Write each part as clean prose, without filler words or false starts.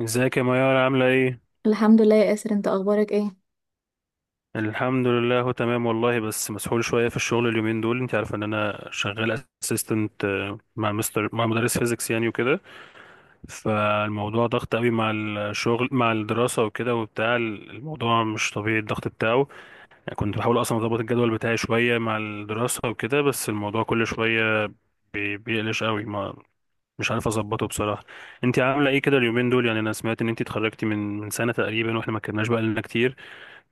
ازيك يا ميار، عاملة ايه؟ الحمد لله يا ياسر، انت اخبارك ايه؟ الحمد لله، هو تمام والله، بس مسحول شوية في الشغل اليومين دول. انت عارفة ان انا شغال اسيستنت مع مدرس فيزيكس يعني وكده. فالموضوع ضغط قوي، مع الشغل مع الدراسة وكده، وبتاع الموضوع مش طبيعي الضغط بتاعه. يعني كنت بحاول اصلا اظبط الجدول بتاعي شوية مع الدراسة وكده، بس الموضوع كل شوية بيقلش قوي ما. مش عارف اظبطه بصراحة. انت عاملة ايه كده اليومين دول؟ يعني انا سمعت ان انت اتخرجتي من سنة تقريبا، واحنا ما اتكلمناش بقى لنا كتير.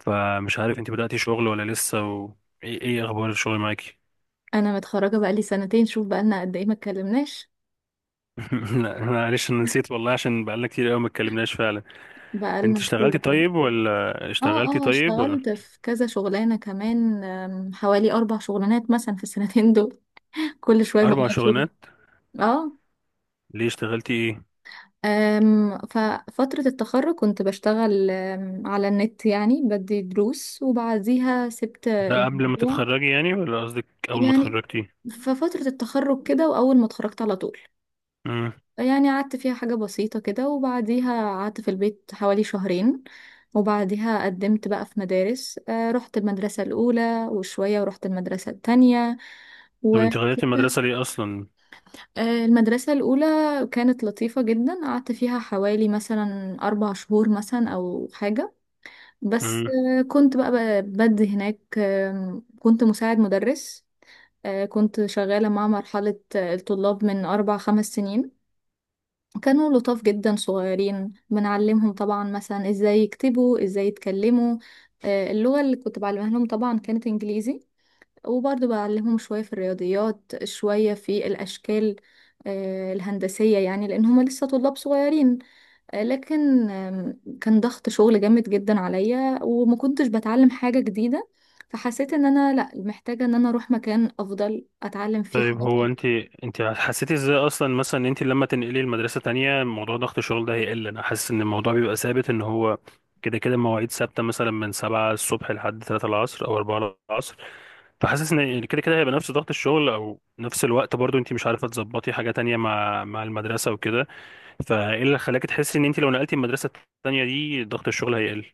فمش عارف انت بدأتي شغل ولا لسه، وايه ايه اخبار الشغل معاكي؟ انا متخرجه بقالي سنتين، شوف بقالنا قد ايه ما اتكلمناش. لا معلش، انا نسيت والله، عشان بقالنا كتير قوي ما اتكلمناش فعلا. انت بقالنا كتير اشتغلتي فعلا. طيب ولا اشتغلتي اه، اه، طيب ولا؟ اشتغلت في كذا شغلانه كمان. حوالي 4 شغلانات مثلا في السنتين دول. كل شويه اربع بغير شغل. شغلانات؟ اه. ليه؟ اشتغلتي ايه؟ ففتره التخرج كنت بشتغل على النت، يعني بدي دروس وبعديها سبت ده قبل ما الموضوع. تتخرجي يعني، ولا قصدك اول ما يعني اتخرجتي؟ ففتره التخرج كده واول ما اتخرجت على طول. امم. يعني قعدت فيها حاجة بسيطة كده وبعديها قعدت في البيت حوالي شهرين. وبعديها قدمت بقى في مدارس. رحت المدرسة الأولى وشوية ورحت المدرسة التانية طب و انت غيرتي المدرسة ليه اصلا؟ المدرسة الأولى كانت لطيفة جدا، قعدت فيها حوالي مثلا 4 شهور مثلا أو حاجة. بس كنت بقى بدي هناك. كنت مساعد مدرس. كنت شغالة مع مرحلة الطلاب من 4 5 سنين. كانوا لطاف جدا، صغيرين بنعلمهم طبعا مثلا ازاي يكتبوا، ازاي يتكلموا. اللغة اللي كنت بعلمها لهم طبعا كانت انجليزي. وبرضه بعلمهم شوية في الرياضيات، شوية في الاشكال الهندسية، يعني لان هما لسه طلاب صغيرين. لكن كان ضغط شغل جامد جدا عليا، وما كنتش بتعلم حاجة جديدة. فحسيت ان انا لا، محتاجة ان انا اروح مكان افضل اتعلم فيه طيب، حاجات. هو انت انت حسيتي ازاي اصلا مثلا ان انت لما تنقلي المدرسه تانية موضوع ضغط الشغل ده هيقل؟ انا حاسس ان الموضوع بيبقى ثابت، ان هو كده كده مواعيد ثابته، مثلا من 7 الصبح لحد 3 العصر او 4 العصر. فحاسس ان كده كده هيبقى نفس ضغط الشغل، او نفس الوقت برضو انت مش عارفه تظبطي حاجه تانية مع المدرسه وكده. فايه اللي خلاكي تحسي ان انت لو نقلتي المدرسه التانية دي ضغط الشغل هيقل؟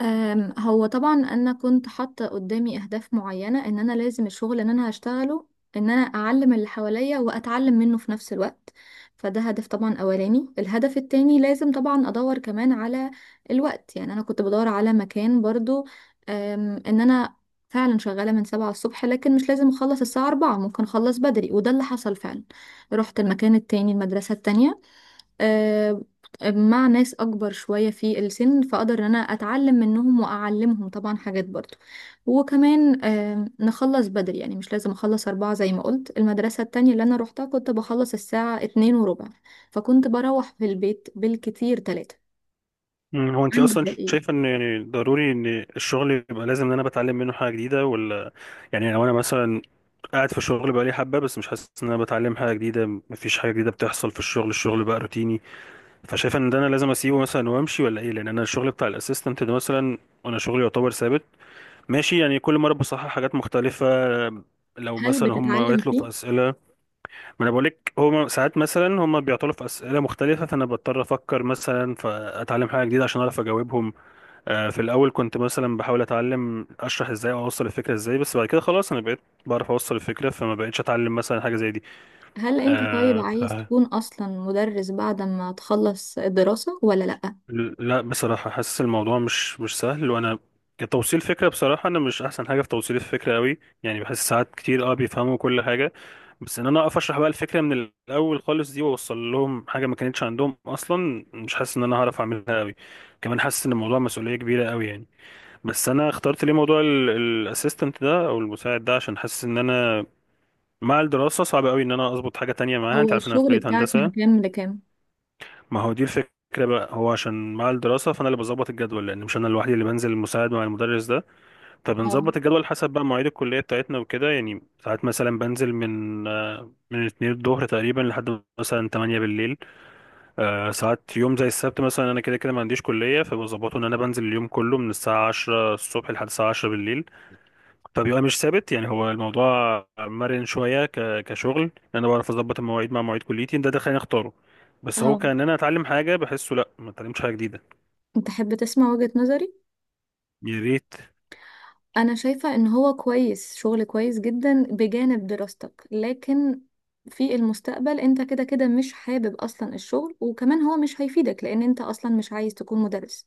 هو طبعا انا كنت حاطه قدامي اهداف معينه، ان انا لازم الشغل ان انا هشتغله، ان انا اعلم اللي حواليا واتعلم منه في نفس الوقت. فده هدف طبعا اولاني. الهدف التاني لازم طبعا ادور كمان على الوقت، يعني انا كنت بدور على مكان برضو. ان انا فعلا شغاله من 7 الصبح، لكن مش لازم اخلص الساعه 4، ممكن اخلص بدري وده اللي حصل فعلا. رحت المكان التاني، المدرسه التانية آه، مع ناس اكبر شوية في السن، فاقدر ان انا اتعلم منهم واعلمهم طبعا حاجات برضو. وكمان نخلص بدري، يعني مش لازم اخلص 4 زي ما قلت. المدرسة التانية اللي انا روحتها كنت بخلص الساعة 2:15، فكنت بروح في البيت بالكتير 3. هو انت عندك اصلا ده ايه؟ شايفه ان يعني ضروري ان الشغل يبقى لازم ان انا بتعلم منه حاجه جديده ولا؟ يعني لو انا مثلا قاعد في الشغل بقالي حبه بس مش حاسس ان انا بتعلم حاجه جديده، مفيش حاجه جديده بتحصل في الشغل. الشغل بقى روتيني. فشايف ان ده انا لازم اسيبه مثلا وامشي ولا ايه؟ لان انا الشغل بتاع الاسيستنت ده مثلا، انا شغلي يعتبر ثابت، ماشي، يعني كل مره بصحح حاجات مختلفه. لو هل مثلا هم بتتعلم يطلبوا فيه؟ في اسئله، ما انا بقول لك، هم ساعات مثلا هم بيعطلوا في اسئله مختلفه، فانا بضطر افكر مثلا، فاتعلم حاجه جديده عشان اعرف اجاوبهم. في الاول كنت مثلا بحاول اتعلم اشرح ازاي او اوصل الفكره ازاي، بس بعد كده خلاص انا بقيت بعرف اوصل الفكره، فما بقتش اتعلم مثلا حاجه زي دي. هل انت طيب آه، ف... عايز تكون اصلا مدرس بعد ما تخلص الدراسة ولا لأ؟ لا بصراحه حاسس الموضوع مش سهل، وانا كتوصيل فكره، بصراحه انا مش احسن حاجه في توصيل الفكره قوي، يعني بحس ساعات كتير، بيفهموا كل حاجه، بس ان انا اقف اشرح بقى الفكره من الاول خالص دي، واوصل لهم حاجه ما كانتش عندهم اصلا، مش حاسس ان انا هعرف اعملها قوي. كمان حاسس ان الموضوع مسؤوليه كبيره قوي يعني. بس انا اخترت ليه موضوع الاسيستنت ده او المساعد ده، عشان حاسس ان انا مع الدراسه صعب قوي ان انا اظبط حاجه تانية معاها. هو انت عارف ان انا في الشغل كليه بتاعك من هندسه. كام لكام؟ ما هو دي الفكره بقى. هو عشان مع الدراسه، فانا اللي بظبط الجدول، لان مش انا لوحدي اللي بنزل المساعد مع المدرس ده. اه، فبنظبط الجدول حسب بقى مواعيد الكليه بتاعتنا وكده. يعني ساعات مثلا بنزل من من 2 الظهر تقريبا لحد مثلا 8 بالليل. ساعات يوم زي السبت مثلا انا كده كده ما عنديش كليه، فبظبطه ان انا بنزل اليوم كله من الساعه 10 الصبح لحد الساعه 10 بالليل. طب يبقى مش ثابت يعني، هو الموضوع مرن شويه كشغل، انا بعرف اظبط المواعيد مع مواعيد كليتي، ده خليني اختاره. بس هو اه، كان انا اتعلم حاجه، بحسه لا، ما اتعلمتش حاجه جديده. تحب تسمع وجهة نظري. يا ريت. انا شايفة ان هو كويس، شغل كويس جدا بجانب دراستك، لكن في المستقبل انت كده كده مش حابب اصلا الشغل، وكمان هو مش هيفيدك لان انت اصلا مش عايز تكون مدرس.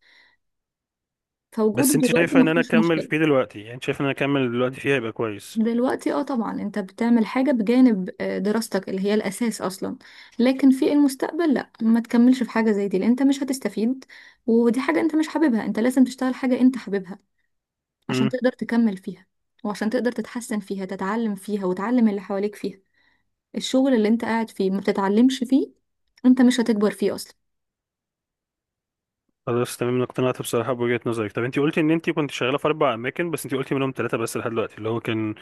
فوجوده بس انت دلوقتي شايفه ما ان انا فيهوش اكمل مشكلة. فيه دلوقتي، يعني انت شايفه ان انا اكمل دلوقتي فيها يبقى كويس؟ دلوقتي طبعا انت بتعمل حاجة بجانب دراستك اللي هي الاساس اصلا، لكن في المستقبل لا، ما تكملش في حاجة زي دي لان انت مش هتستفيد. ودي حاجة انت مش حاببها، انت لازم تشتغل حاجة انت حاببها عشان امم. تقدر تكمل فيها، وعشان تقدر تتحسن فيها، تتعلم فيها، وتعلم اللي حواليك فيها. الشغل اللي انت قاعد فيه ما بتتعلمش فيه، انت مش هتكبر فيه اصلا. خلاص تمام، أنا اقتنعت بصراحه بوجهه نظرك. طب انت قلتي ان انت كنت شغاله في اربع اماكن، بس انت قلتي منهم ثلاثه بس لحد دلوقتي، اللي هو كان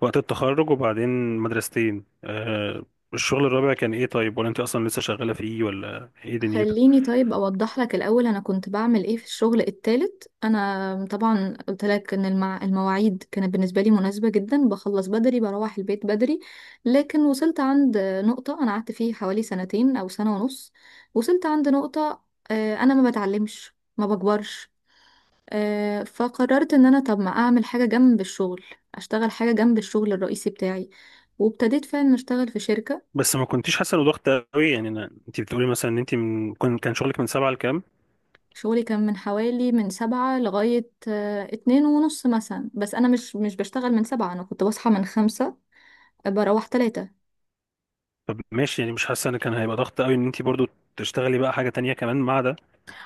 وقت التخرج وبعدين مدرستين، الشغل الرابع كان ايه طيب، ولا انت اصلا لسه شغاله فيه، ولا ايه دنيتك؟ خليني طيب اوضح لك الاول انا كنت بعمل ايه في الشغل التالت. انا طبعا قلت لك ان المواعيد كانت بالنسبه لي مناسبه جدا، بخلص بدري، بروح البيت بدري. لكن وصلت عند نقطه، انا قعدت فيه حوالي سنتين او سنه ونص. وصلت عند نقطه انا ما بتعلمش، ما بكبرش. فقررت ان انا طب ما اعمل حاجة جنب الشغل، اشتغل حاجة جنب الشغل الرئيسي بتاعي، وابتديت فعلا اشتغل في شركة. بس ما كنتيش حاسه انه ضغط قوي يعني؟ انت بتقولي مثلا ان انت كان شغلك من سبعة لكام. شغلي كان من حوالي من 7 لغاية 2:30 مثلا، بس انا مش بشتغل من 7، انا كنت بصحى من 5، بروح 3. طب ماشي يعني، مش حاسه ان كان هيبقى ضغط قوي ان انت برضو تشتغلي بقى حاجه تانية كمان مع ده؟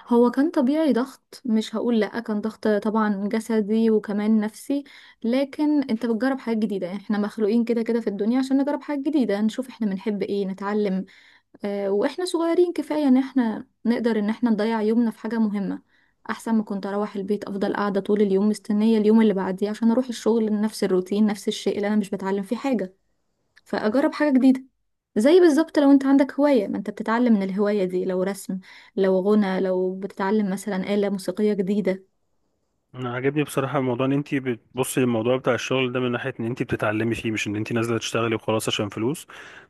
هو كان طبيعي ضغط، مش هقول لأ، كان ضغط طبعا جسدي وكمان نفسي. لكن انت بتجرب حاجات جديدة، يعني احنا مخلوقين كده كده في الدنيا عشان نجرب حاجات جديدة، نشوف احنا بنحب ايه، نتعلم. واحنا صغيرين كفاية ان احنا نقدر ان احنا نضيع يومنا في حاجة مهمة، احسن ما كنت اروح البيت افضل قاعدة طول اليوم مستنية اليوم اللي بعديه عشان اروح الشغل، نفس الروتين، نفس الشيء اللي انا مش بتعلم فيه حاجة. فاجرب حاجة جديدة، زي بالظبط لو انت عندك هواية، ما انت بتتعلم من الهواية دي، لو رسم، لو غنى، لو بتتعلم مثلا آلة موسيقية جديدة. انا عاجبني بصراحه الموضوع، ان انت بتبصي للموضوع بتاع الشغل ده من ناحيه ان انت بتتعلمي فيه، مش ان انت نازله تشتغلي وخلاص عشان فلوس،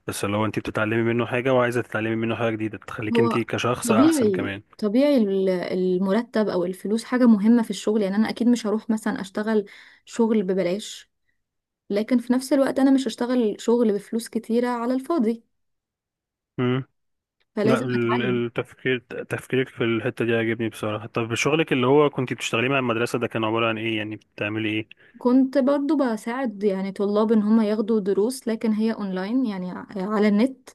بس اللي هو انت بتتعلمي منه حاجه وعايزه تتعلمي منه حاجه جديده تخليك انت هو كشخص احسن طبيعي كمان. طبيعي، المرتب او الفلوس حاجة مهمة في الشغل، يعني انا اكيد مش هروح مثلا اشتغل شغل ببلاش، لكن في نفس الوقت انا مش هشتغل شغل بفلوس كتيرة على الفاضي، امم. لا، فلازم ال- اتعلم. التفكير تفكيرك في الحته دي عاجبني بصراحه. طب شغلك اللي هو كنت بتشتغليه مع المدرسه ده كان عباره عن ايه، يعني بتعملي كنت برضو بساعد يعني طلاب ان هم ياخدوا دروس، لكن هي اونلاين، يعني على النت.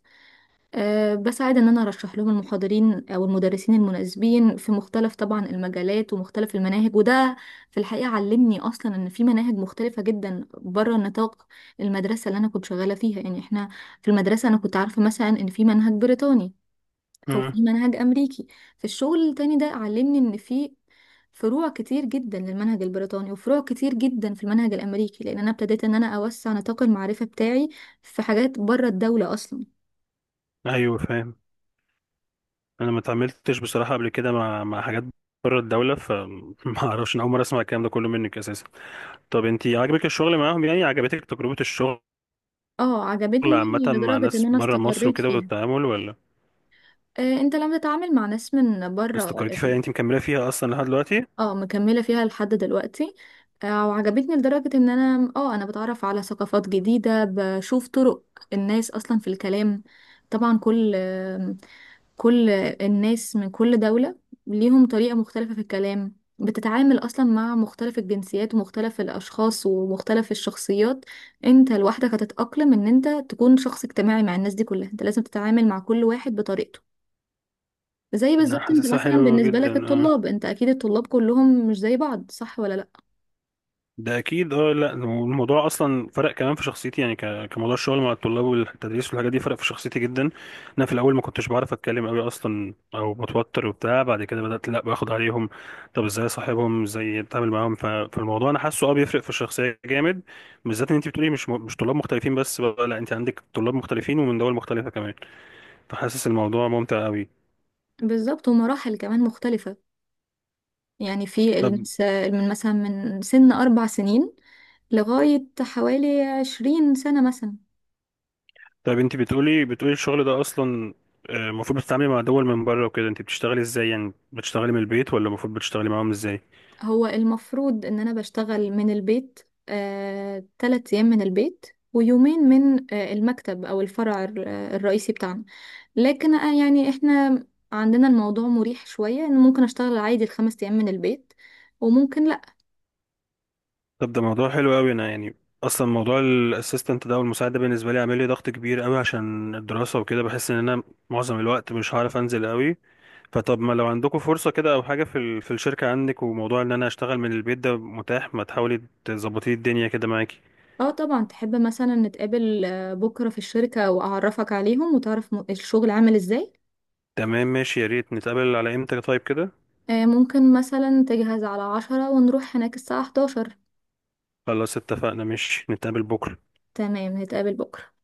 بساعد ان انا ارشح لهم المحاضرين او المدرسين المناسبين في مختلف طبعا المجالات ومختلف المناهج، وده في الحقيقة علمني اصلا ان في مناهج مختلفة جدا بره نطاق المدرسة اللي انا كنت شغالة فيها. يعني احنا في المدرسة انا كنت عارفة مثلا ان في منهج بريطاني او ايه؟ في منهج امريكي. في الشغل التاني ده علمني ان في فروع كتير جدا للمنهج البريطاني، وفروع كتير جدا في المنهج الامريكي، لان انا ابتديت ان انا اوسع نطاق المعرفة بتاعي في حاجات بره الدولة اصلا. ايوه فاهم. انا ما اتعاملتش بصراحه قبل كده مع حاجات بره الدوله، فما اعرفش، انا اول مره اسمع الكلام ده كله منك اساسا. طب انت عجبك الشغل معاهم، يعني عجبتك تجربه الشغل اه، عامه عجبتني مع لدرجة ان ناس انا بره مصر استقريت وكده فيها. والتعامل ولا؟ انت لما تتعامل مع ناس من بره. استقريتي فيها، انت مكمله فيها اصلا لحد دلوقتي؟ اه، مكملة فيها لحد دلوقتي. وعجبتني لدرجة ان انا بتعرف على ثقافات جديدة، بشوف طرق الناس اصلا في الكلام. طبعا كل الناس من كل دولة ليهم طريقة مختلفة في الكلام. بتتعامل أصلا مع مختلف الجنسيات ومختلف الأشخاص ومختلف الشخصيات. انت لوحدك هتتأقلم ان انت تكون شخص اجتماعي مع الناس دي كلها، انت لازم تتعامل مع كل واحد بطريقته. زي انا بالظبط انت حاسسها مثلا حلو بالنسبة جدا لك الطلاب، انت اكيد الطلاب كلهم مش زي بعض، صح ولا لا؟ ده اكيد. اه لا، الموضوع اصلا فرق كمان في شخصيتي يعني، كموضوع الشغل مع الطلاب والتدريس والحاجات دي، فرق في شخصيتي جدا. انا في الاول ما كنتش بعرف اتكلم قوي اصلا، او بتوتر وبتاع، بعد كده بدات لا باخد عليهم، طب ازاي اصاحبهم، ازاي اتعامل معاهم. فالموضوع انا حاسه، اه، بيفرق في الشخصيه جامد. بالذات ان انت بتقولي مش طلاب مختلفين بس بقى، لا، انت عندك طلاب مختلفين ومن دول مختلفه كمان. فحاسس الموضوع ممتع قوي. بالظبط، ومراحل كمان مختلفة، يعني في طب من مثلا من سن 4 سنين لغاية حوالي 20 سنة مثلا. طب انت بتقولي الشغل ده اصلا، المفروض بتتعاملي مع دول من بره وكده، انت بتشتغلي ازاي يعني؟ بتشتغلي من البيت ولا المفروض بتشتغلي معاهم ازاي؟ هو المفروض ان انا بشتغل من البيت، 3 ايام من البيت، ويومين من المكتب او الفرع الرئيسي بتاعنا. لكن يعني احنا عندنا الموضوع مريح شوية، ان ممكن اشتغل عادي ال 5 ايام من البيت، وممكن. طب ده موضوع حلو قوي. انا يعني اصلا موضوع الاسيستنت ده والمساعد ده بالنسبه لي عامل لي ضغط كبير قوي عشان الدراسه وكده، بحس ان انا معظم الوقت مش هعرف انزل قوي. فطب ما لو عندكم فرصه كده او حاجه في في الشركه عندك، وموضوع ان انا اشتغل من البيت ده متاح، ما تحاولي تظبطي الدنيا كده معاكي؟ اه، طبعا، تحب مثلا نتقابل بكرة في الشركة وأعرفك عليهم وتعرف الشغل عامل ازاي. تمام ماشي، يا ريت. نتقابل على امتى طيب كده؟ ممكن مثلا تجهز على 10 ونروح هناك الساعة 11. خلاص اتفقنا، ماشي، نتقابل بكره. تمام، نتقابل بكرة.